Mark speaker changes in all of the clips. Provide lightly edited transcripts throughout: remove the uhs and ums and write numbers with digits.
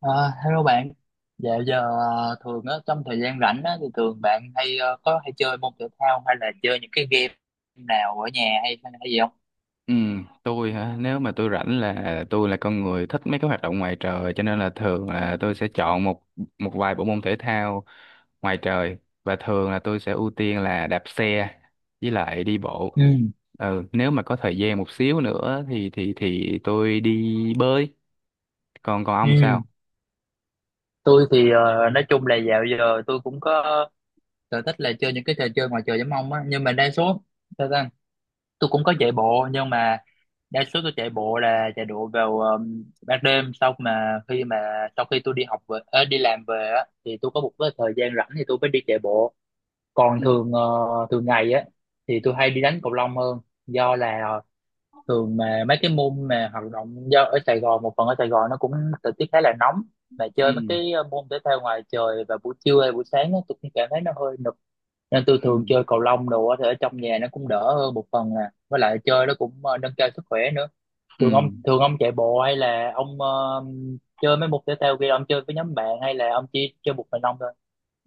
Speaker 1: Ờ, Hello bạn, dạo giờ thường á, trong thời gian rảnh á, thì thường bạn hay có hay chơi môn thể thao hay là chơi những cái game nào ở nhà hay hay gì không?
Speaker 2: Ừ, tôi hả? Nếu mà tôi rảnh là tôi là con người thích mấy cái hoạt động ngoài trời, cho nên là thường là tôi sẽ chọn một một vài bộ môn thể thao ngoài trời, và thường là tôi sẽ ưu tiên là đạp xe với lại đi bộ.
Speaker 1: Ừ,
Speaker 2: Ừ, nếu mà có thời gian một xíu nữa thì tôi đi bơi. Còn còn ông
Speaker 1: ừ.
Speaker 2: sao?
Speaker 1: Tôi thì nói chung là dạo giờ tôi cũng có sở thích là chơi những cái trò chơi ngoài trời giống ông á, nhưng mà đa số sao ta? Tôi cũng có chạy bộ nhưng mà đa số tôi chạy bộ là chạy bộ vào ban đêm, sau khi tôi đi học về, đi làm về á, thì tôi có một cái thời gian rảnh thì tôi mới đi chạy bộ. Còn
Speaker 2: Ừ,
Speaker 1: Thường ngày á thì tôi hay đi đánh cầu lông hơn, do là thường mà mấy cái môn mà hoạt động, do ở Sài Gòn, một phần ở Sài Gòn nó cũng thời tiết khá là nóng, mà
Speaker 2: ừ,
Speaker 1: chơi mấy cái môn thể thao ngoài trời vào buổi trưa hay buổi sáng á, tôi cũng cảm thấy nó hơi nực, nên tôi
Speaker 2: ừ,
Speaker 1: thường chơi cầu lông đồ á, thì ở trong nhà nó cũng đỡ hơn một phần à, với lại chơi nó cũng nâng cao sức khỏe nữa.
Speaker 2: ừ.
Speaker 1: Thường ông chạy bộ hay là ông chơi mấy môn thể thao kia, ông chơi với nhóm bạn hay là ông chỉ chơi một mình ông thôi?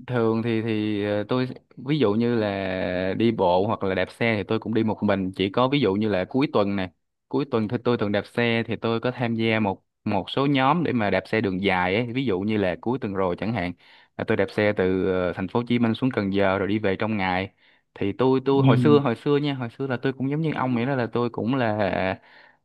Speaker 2: Thường thì tôi, ví dụ như là đi bộ hoặc là đạp xe thì tôi cũng đi một mình, chỉ có ví dụ như là cuối tuần này, cuối tuần thì tôi thường đạp xe, thì tôi có tham gia một một số nhóm để mà đạp xe đường dài ấy. Ví dụ như là cuối tuần rồi chẳng hạn là tôi đạp xe từ thành phố Hồ Chí Minh xuống Cần Giờ rồi đi về trong ngày. Thì tôi hồi xưa,
Speaker 1: Ừ,
Speaker 2: hồi xưa nha, hồi xưa là tôi cũng giống như ông vậy đó, là tôi cũng là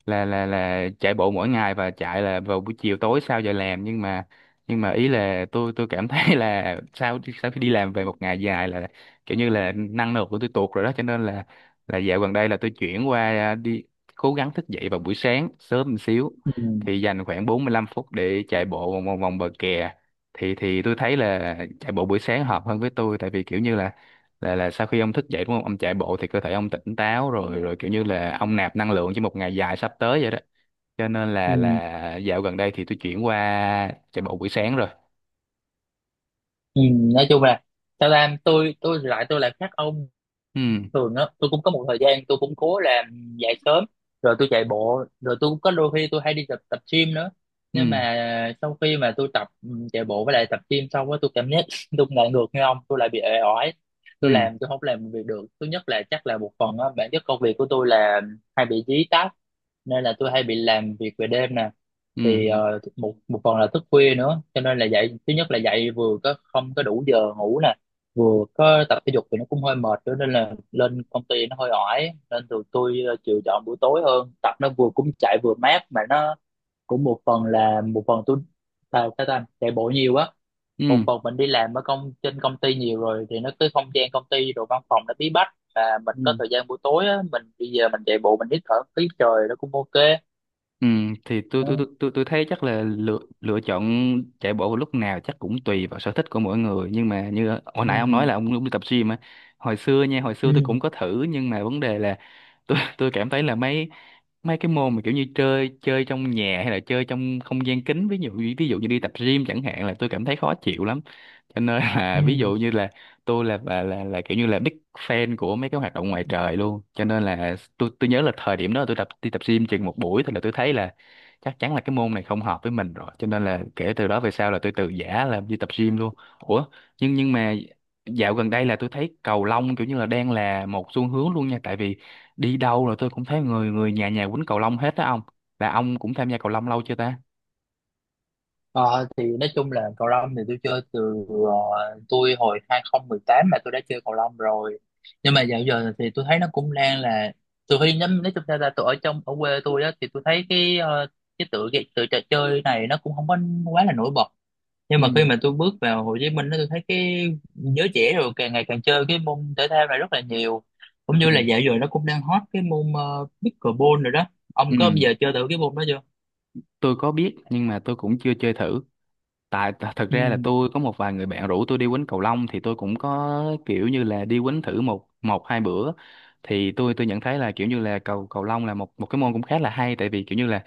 Speaker 2: là là là chạy bộ mỗi ngày và chạy là vào buổi chiều tối sau giờ làm, nhưng mà ý là tôi cảm thấy là sau sau khi đi làm về một ngày dài là kiểu như là năng lượng của tôi tụt rồi đó, cho nên là dạo gần đây là tôi chuyển qua, đi cố gắng thức dậy vào buổi sáng sớm một xíu,
Speaker 1: ừ,
Speaker 2: thì dành khoảng 45 phút để chạy bộ vòng vòng vòng bờ kè. Thì tôi thấy là chạy bộ buổi sáng hợp hơn với tôi, tại vì kiểu như là sau khi ông thức dậy đúng không, ông chạy bộ thì cơ thể ông tỉnh táo rồi, kiểu như là ông nạp năng lượng cho một ngày dài sắp tới vậy đó, cho nên là
Speaker 1: ừ.
Speaker 2: là dạo gần đây thì tôi chuyển qua chạy bộ buổi sáng rồi.
Speaker 1: Ừ, nói chung là sao ta, tôi thì lại, tôi lại khác ông.
Speaker 2: Ừ,
Speaker 1: Thường á tôi cũng có một thời gian tôi cũng cố làm dậy sớm rồi tôi chạy bộ, rồi tôi cũng có đôi khi tôi hay đi tập tập gym nữa,
Speaker 2: ừ,
Speaker 1: nhưng mà sau khi mà tôi tập chạy bộ với lại tập gym xong á, tôi cảm giác tôi lại ngược như ông, tôi lại bị oải. Tôi
Speaker 2: ừ,
Speaker 1: làm, tôi không làm việc được. Thứ nhất là chắc là một phần á bản chất công việc của tôi là hay bị dí tát, nên là tôi hay bị làm việc về đêm nè,
Speaker 2: ừ,
Speaker 1: thì
Speaker 2: ừ,
Speaker 1: một một phần là thức khuya nữa, cho nên là dậy, thứ nhất là dậy vừa có không có đủ giờ ngủ nè, vừa có tập thể dục thì nó cũng hơi mệt nữa, nên là lên công ty nó hơi oải, nên tụi tôi chịu chọn buổi tối hơn, tập nó vừa cũng chạy vừa mát, mà nó cũng một phần là một phần tôi, sao sao ta, chạy bộ nhiều á, một
Speaker 2: ừ,
Speaker 1: phần mình đi làm ở công trên công ty nhiều rồi thì nó cái không gian công ty rồi văn phòng nó bí bách, và mình có
Speaker 2: ừ.
Speaker 1: thời gian buổi tối á mình đi về mình chạy bộ mình hít thở khí trời nó cũng ok.
Speaker 2: Ừ, thì
Speaker 1: Ừ.
Speaker 2: tôi thấy chắc là lựa lựa chọn chạy bộ vào lúc nào chắc cũng tùy vào sở thích của mỗi người, nhưng mà như hồi
Speaker 1: Ừ.
Speaker 2: nãy ông nói là ông cũng đi tập gym á. Hồi xưa nha, hồi xưa tôi
Speaker 1: Ừ.
Speaker 2: cũng có thử nhưng mà vấn đề là tôi cảm thấy là mấy mấy cái môn mà kiểu như chơi chơi trong nhà hay là chơi trong không gian kín, ví dụ như đi tập gym chẳng hạn, là tôi cảm thấy khó chịu lắm, cho nên là
Speaker 1: Ừ.
Speaker 2: ví dụ như là tôi là kiểu như là big fan của mấy cái hoạt động ngoài trời luôn, cho nên là tôi nhớ là thời điểm đó tôi tập đi tập gym chừng một buổi thôi là tôi thấy là chắc chắn là cái môn này không hợp với mình rồi, cho nên là kể từ đó về sau là tôi từ giã là đi tập gym luôn. Ủa, nhưng mà dạo gần đây là tôi thấy cầu lông kiểu như là đang là một xu hướng luôn nha, tại vì đi đâu là tôi cũng thấy người người nhà nhà quýnh cầu lông hết đó ông. Là ông cũng tham gia cầu lông lâu chưa ta?
Speaker 1: Ờ, thì nói chung là cầu lông thì tôi chơi từ tôi hồi 2018 mà tôi đã chơi cầu lông rồi, nhưng mà dạo giờ thì tôi thấy nó cũng đang là, từ khi nhắm nói chung ra là tôi ở trong, ở quê tôi á, thì tôi thấy cái cái tựa trò chơi này nó cũng không có quá là nổi bật, nhưng mà
Speaker 2: Ừ,
Speaker 1: khi mà tôi bước vào Hồ Chí Minh đó, tôi thấy cái giới trẻ rồi càng ngày càng chơi cái môn thể thao này rất là nhiều, cũng như
Speaker 2: ừ,
Speaker 1: là dạo giờ nó cũng đang hot cái môn pickleball rồi đó. Ông
Speaker 2: ừ,
Speaker 1: có bao giờ chơi thử cái môn đó chưa?
Speaker 2: tôi có biết nhưng mà tôi cũng chưa chơi thử. Tại thật ra là
Speaker 1: Ừ.
Speaker 2: tôi có một vài người bạn rủ tôi đi quýnh cầu lông, thì tôi cũng có kiểu như là đi quýnh thử một một hai bữa. Thì tôi nhận thấy là kiểu như là cầu cầu lông là một một cái môn cũng khá là hay, tại vì kiểu như là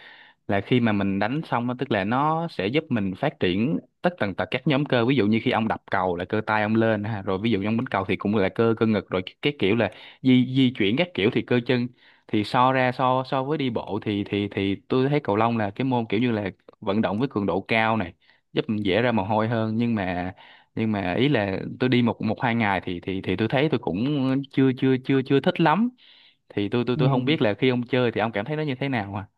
Speaker 2: là khi mà mình đánh xong á, tức là nó sẽ giúp mình phát triển tất tần tật các nhóm cơ. Ví dụ như khi ông đập cầu là cơ tay ông lên ha, rồi ví dụ như ông đánh cầu thì cũng là cơ cơ ngực, rồi cái kiểu là di di chuyển các kiểu thì cơ chân. Thì so ra, so so với đi bộ thì tôi thấy cầu lông là cái môn kiểu như là vận động với cường độ cao này, giúp mình dễ ra mồ hôi hơn, nhưng mà ý là tôi đi một một hai ngày thì tôi thấy tôi cũng chưa chưa chưa chưa thích lắm. Thì tôi tôi
Speaker 1: Ừ.
Speaker 2: tôi không biết là khi ông chơi thì ông cảm thấy nó như thế nào à?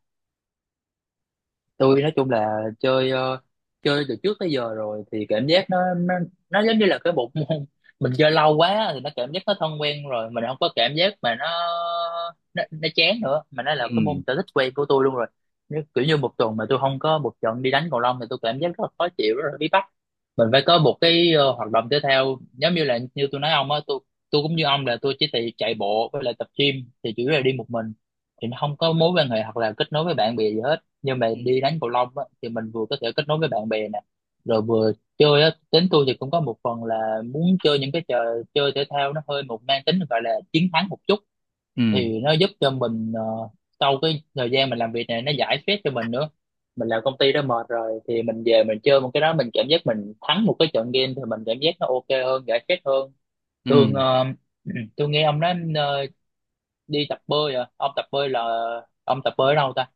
Speaker 1: Tôi nói chung là chơi chơi từ trước tới giờ rồi, thì cảm giác nó giống như là cái bộ môn mình chơi lâu quá thì nó cảm giác nó thân quen rồi, mình không có cảm giác mà nó chán nữa, mà nó là cái môn sở thích quen của tôi luôn rồi. Nếu kiểu như một tuần mà tôi không có một trận đi đánh cầu lông thì tôi cảm giác rất là khó chịu, rất là bí bách, mình phải có một cái hoạt động tiếp theo. Giống như là như tôi nói ông á, tôi cũng như ông là tôi chỉ chạy chạy bộ với lại tập gym thì chủ yếu là đi một mình, thì nó không có mối quan hệ hoặc là kết nối với bạn bè gì hết, nhưng mà
Speaker 2: Ừ,
Speaker 1: đi đánh cầu lông á, thì mình vừa có thể kết nối với bạn bè nè, rồi vừa chơi á, tính tôi thì cũng có một phần là muốn chơi những cái trò chơi thể thao nó hơi một mang tính gọi là chiến thắng một chút,
Speaker 2: ừ,
Speaker 1: thì nó giúp cho mình sau cái thời gian mình làm việc này nó giải stress cho mình nữa. Mình làm công ty đó mệt rồi thì mình về mình chơi một cái đó, mình cảm giác mình thắng một cái trận game thì mình cảm giác nó ok hơn, giải stress hơn.
Speaker 2: ừ,
Speaker 1: Thường tôi nghe ông nói đi tập bơi à, ông tập bơi là ông tập bơi ở đâu ta?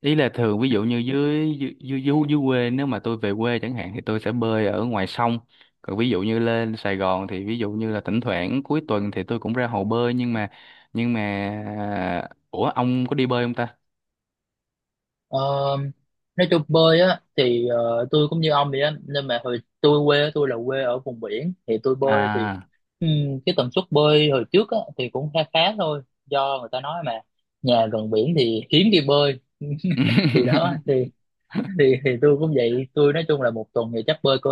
Speaker 2: ý là thường ví dụ như dưới dưới dưới, dưới dưới quê, nếu mà tôi về quê chẳng hạn thì tôi sẽ bơi ở ngoài sông, còn ví dụ như lên Sài Gòn thì ví dụ như là thỉnh thoảng cuối tuần thì tôi cũng ra hồ bơi. Nhưng mà ủa ông có đi bơi không ta?
Speaker 1: Ờ, nói chung bơi á thì tôi cũng như ông vậy á, nhưng mà hồi tôi quê á, tôi là quê ở vùng biển thì tôi bơi thì
Speaker 2: À,
Speaker 1: cái tần suất bơi hồi trước á thì cũng khá khá thôi, do người ta nói mà nhà gần biển thì hiếm đi bơi thì đó, thì tôi cũng vậy. Tôi nói chung là một tuần thì chắc bơi cỡ,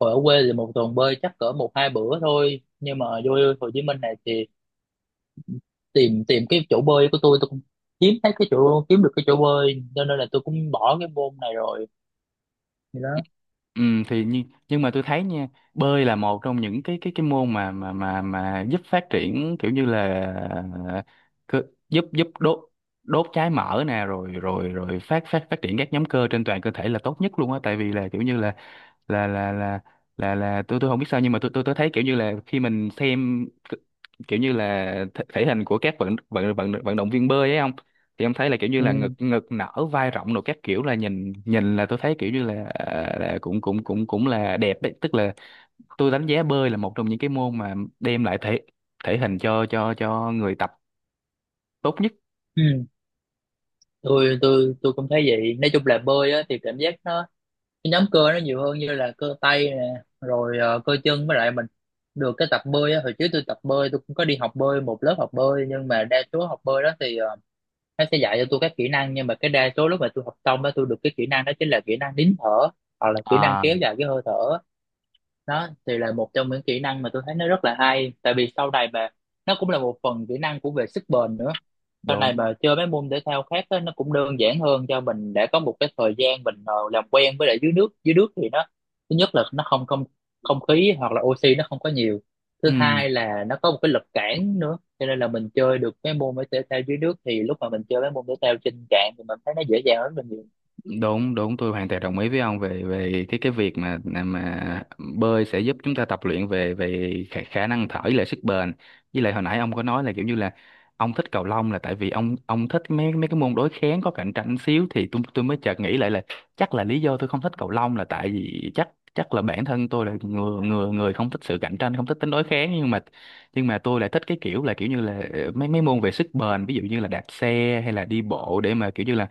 Speaker 1: hồi ở quê thì một tuần bơi chắc cỡ một hai bữa thôi, nhưng mà vô Hồ Chí Minh này thì tìm tìm cái chỗ bơi của tôi cũng kiếm thấy cái chỗ, kiếm được cái chỗ bơi, cho nên là tôi cũng bỏ cái môn này rồi, thì đó.
Speaker 2: ừ, thì nhưng mà tôi thấy nha, bơi là một trong những cái môn mà giúp phát triển kiểu như là ờ, cơ- giúp giúp đốt đốt trái mỡ nè, rồi rồi rồi phát phát phát triển các nhóm cơ trên toàn cơ thể là tốt nhất luôn á, tại vì là kiểu như là là là là tôi không biết sao, nhưng mà tôi thấy kiểu như là khi mình xem kiểu như là thể hình của các vận vận vận vận động viên bơi ấy không, thì em thấy là kiểu như
Speaker 1: Ừ.
Speaker 2: là ngực ngực nở vai rộng, rồi các kiểu là nhìn nhìn là tôi thấy kiểu như là, là cũng cũng cũng cũng là đẹp đấy, tức là tôi đánh giá bơi là một trong những cái môn mà đem lại thể thể hình cho người tập tốt nhất.
Speaker 1: Ừ. Tôi cũng thấy vậy, nói chung là bơi á, thì cảm giác nó cái nhóm cơ nó nhiều hơn, như là cơ tay nè rồi cơ chân, với lại mình được cái tập bơi á, hồi trước tôi tập bơi tôi cũng có đi học bơi một lớp học bơi, nhưng mà đa số học bơi đó thì nó sẽ dạy cho tôi các kỹ năng, nhưng mà cái đa số lúc mà tôi học xong á, tôi được cái kỹ năng đó chính là kỹ năng nín thở hoặc là kỹ năng
Speaker 2: À,
Speaker 1: kéo dài cái hơi thở. Đó thì là một trong những kỹ năng mà tôi thấy nó rất là hay, tại vì sau này mà nó cũng là một phần kỹ năng của về sức bền nữa. Sau
Speaker 2: đúng,
Speaker 1: này mà chơi mấy môn thể thao khác á, nó cũng đơn giản hơn cho mình để có một cái thời gian mình làm quen với lại dưới nước. Dưới nước thì nó, thứ nhất là nó không không không khí hoặc là oxy nó không có nhiều, thứ
Speaker 2: ừ,
Speaker 1: hai là nó có một cái lực cản nữa, cho nên là mình chơi được mấy môn thể thao dưới nước thì lúc mà mình chơi mấy môn thể thao trên cạn thì mình thấy nó dễ dàng hơn rất là nhiều.
Speaker 2: đúng, đúng, tôi hoàn toàn đồng ý với ông về về cái việc mà bơi sẽ giúp chúng ta tập luyện về về khả năng thở với lại sức bền. Với lại hồi nãy ông có nói là kiểu như là ông thích cầu lông là tại vì ông thích mấy mấy cái môn đối kháng có cạnh tranh xíu, thì tôi mới chợt nghĩ lại là chắc là lý do tôi không thích cầu lông là tại vì chắc chắc là bản thân tôi là người người người không thích sự cạnh tranh, không thích tính đối kháng, nhưng mà tôi lại thích cái kiểu là kiểu như là mấy mấy môn về sức bền, ví dụ như là đạp xe hay là đi bộ, để mà kiểu như là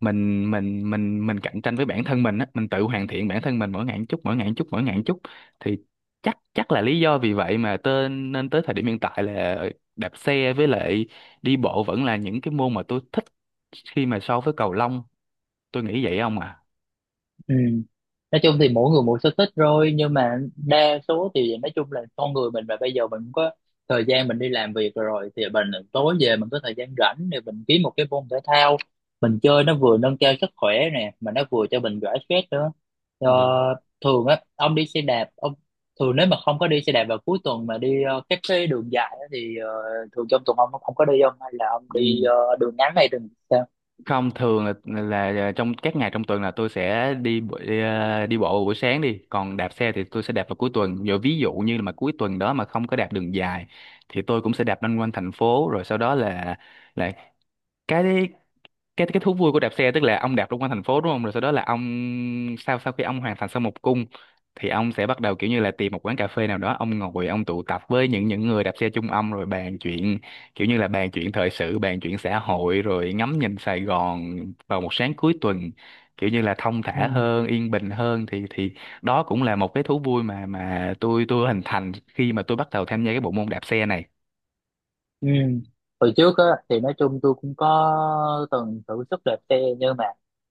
Speaker 2: mình cạnh tranh với bản thân mình á, mình tự hoàn thiện bản thân mình mỗi ngày một chút, mỗi ngày một chút, mỗi ngày một chút. Thì chắc chắc là lý do vì vậy mà nên tới thời điểm hiện tại là đạp xe với lại đi bộ vẫn là những cái môn mà tôi thích khi mà so với cầu lông. Tôi nghĩ vậy không à?
Speaker 1: Ừ. Nói chung thì mỗi người một sở thích rồi, nhưng mà đa số thì nói chung là con người mình mà bây giờ mình cũng có thời gian mình đi làm việc rồi thì mình tối về mình có thời gian rảnh, thì mình kiếm một cái môn thể thao mình chơi, nó vừa nâng cao sức khỏe nè mà nó vừa cho mình giải stress nữa. Ờ,
Speaker 2: Được.
Speaker 1: Thường á ông đi xe đạp, ông thường nếu mà không có đi xe đạp vào cuối tuần mà đi các cái đường dài á, thì thường trong tuần ông không có đi không, hay là ông đi đường ngắn hay đường sao?
Speaker 2: Không, thường là trong các ngày trong tuần là tôi sẽ đi bộ vào buổi sáng đi, còn đạp xe thì tôi sẽ đạp vào cuối tuần giờ. Ví dụ như là mà cuối tuần đó mà không có đạp đường dài thì tôi cũng sẽ đạp loanh quanh thành phố, rồi sau đó là cái cái thú vui của đạp xe, tức là ông đạp trong quanh thành phố đúng không, rồi sau đó là ông sau sau khi ông hoàn thành xong một cung thì ông sẽ bắt đầu kiểu như là tìm một quán cà phê nào đó, ông ngồi, ông tụ tập với những người đạp xe chung ông rồi bàn chuyện, kiểu như là bàn chuyện thời sự, bàn chuyện xã hội rồi ngắm nhìn Sài Gòn vào một sáng cuối tuần kiểu như là thong
Speaker 1: Ừ.
Speaker 2: thả hơn, yên bình hơn. Thì đó cũng là một cái thú vui mà tôi hình thành khi mà tôi bắt đầu tham gia cái bộ môn đạp xe này.
Speaker 1: Ừ. Hồi trước á, thì nói chung tôi cũng có từng thử sức đạp xe, nhưng mà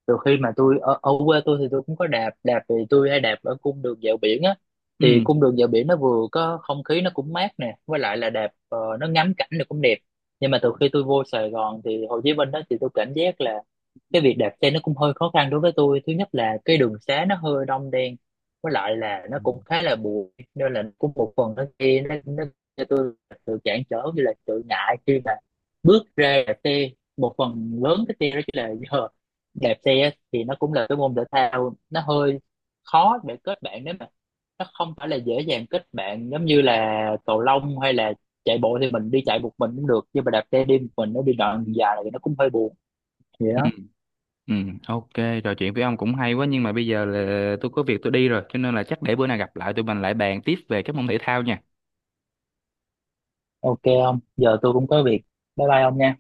Speaker 1: từ khi mà tôi ở, ở quê tôi thì tôi cũng có đạp đạp thì tôi hay đạp ở cung đường dạo biển á, thì
Speaker 2: Ừ.
Speaker 1: cung đường dạo biển nó vừa có không khí nó cũng mát nè, với lại là đạp nó ngắm cảnh nó cũng đẹp. Nhưng mà từ khi tôi vô Sài Gòn thì Hồ Chí Minh đó, thì tôi cảm giác là cái việc đạp xe nó cũng hơi khó khăn đối với tôi. Thứ nhất là cái đường xá nó hơi đông đen, với lại là
Speaker 2: Ừ.
Speaker 1: nó cũng khá là bụi, nên là cũng một phần nó kia nó cho tôi là sự cản trở, như là sự ngại khi mà bước ra đạp xe. Một phần lớn cái xe đó chỉ là giờ đạp xe á, thì nó cũng là cái môn thể thao nó hơi khó để kết bạn, nếu mà nó không phải là dễ dàng kết bạn giống như là cầu lông, hay là chạy bộ thì mình đi chạy một mình cũng được, nhưng mà đạp xe đi một mình nó đi đoạn dài thì nó cũng hơi buồn, vậy
Speaker 2: Ừ.
Speaker 1: đó.
Speaker 2: Ừ, ok, trò chuyện với ông cũng hay quá, nhưng mà bây giờ là tôi có việc tôi đi rồi, cho nên là chắc để bữa nào gặp lại tụi mình lại bàn tiếp về các môn thể thao nha.
Speaker 1: Ok, không, giờ tôi cũng có việc, bye bye ông nha.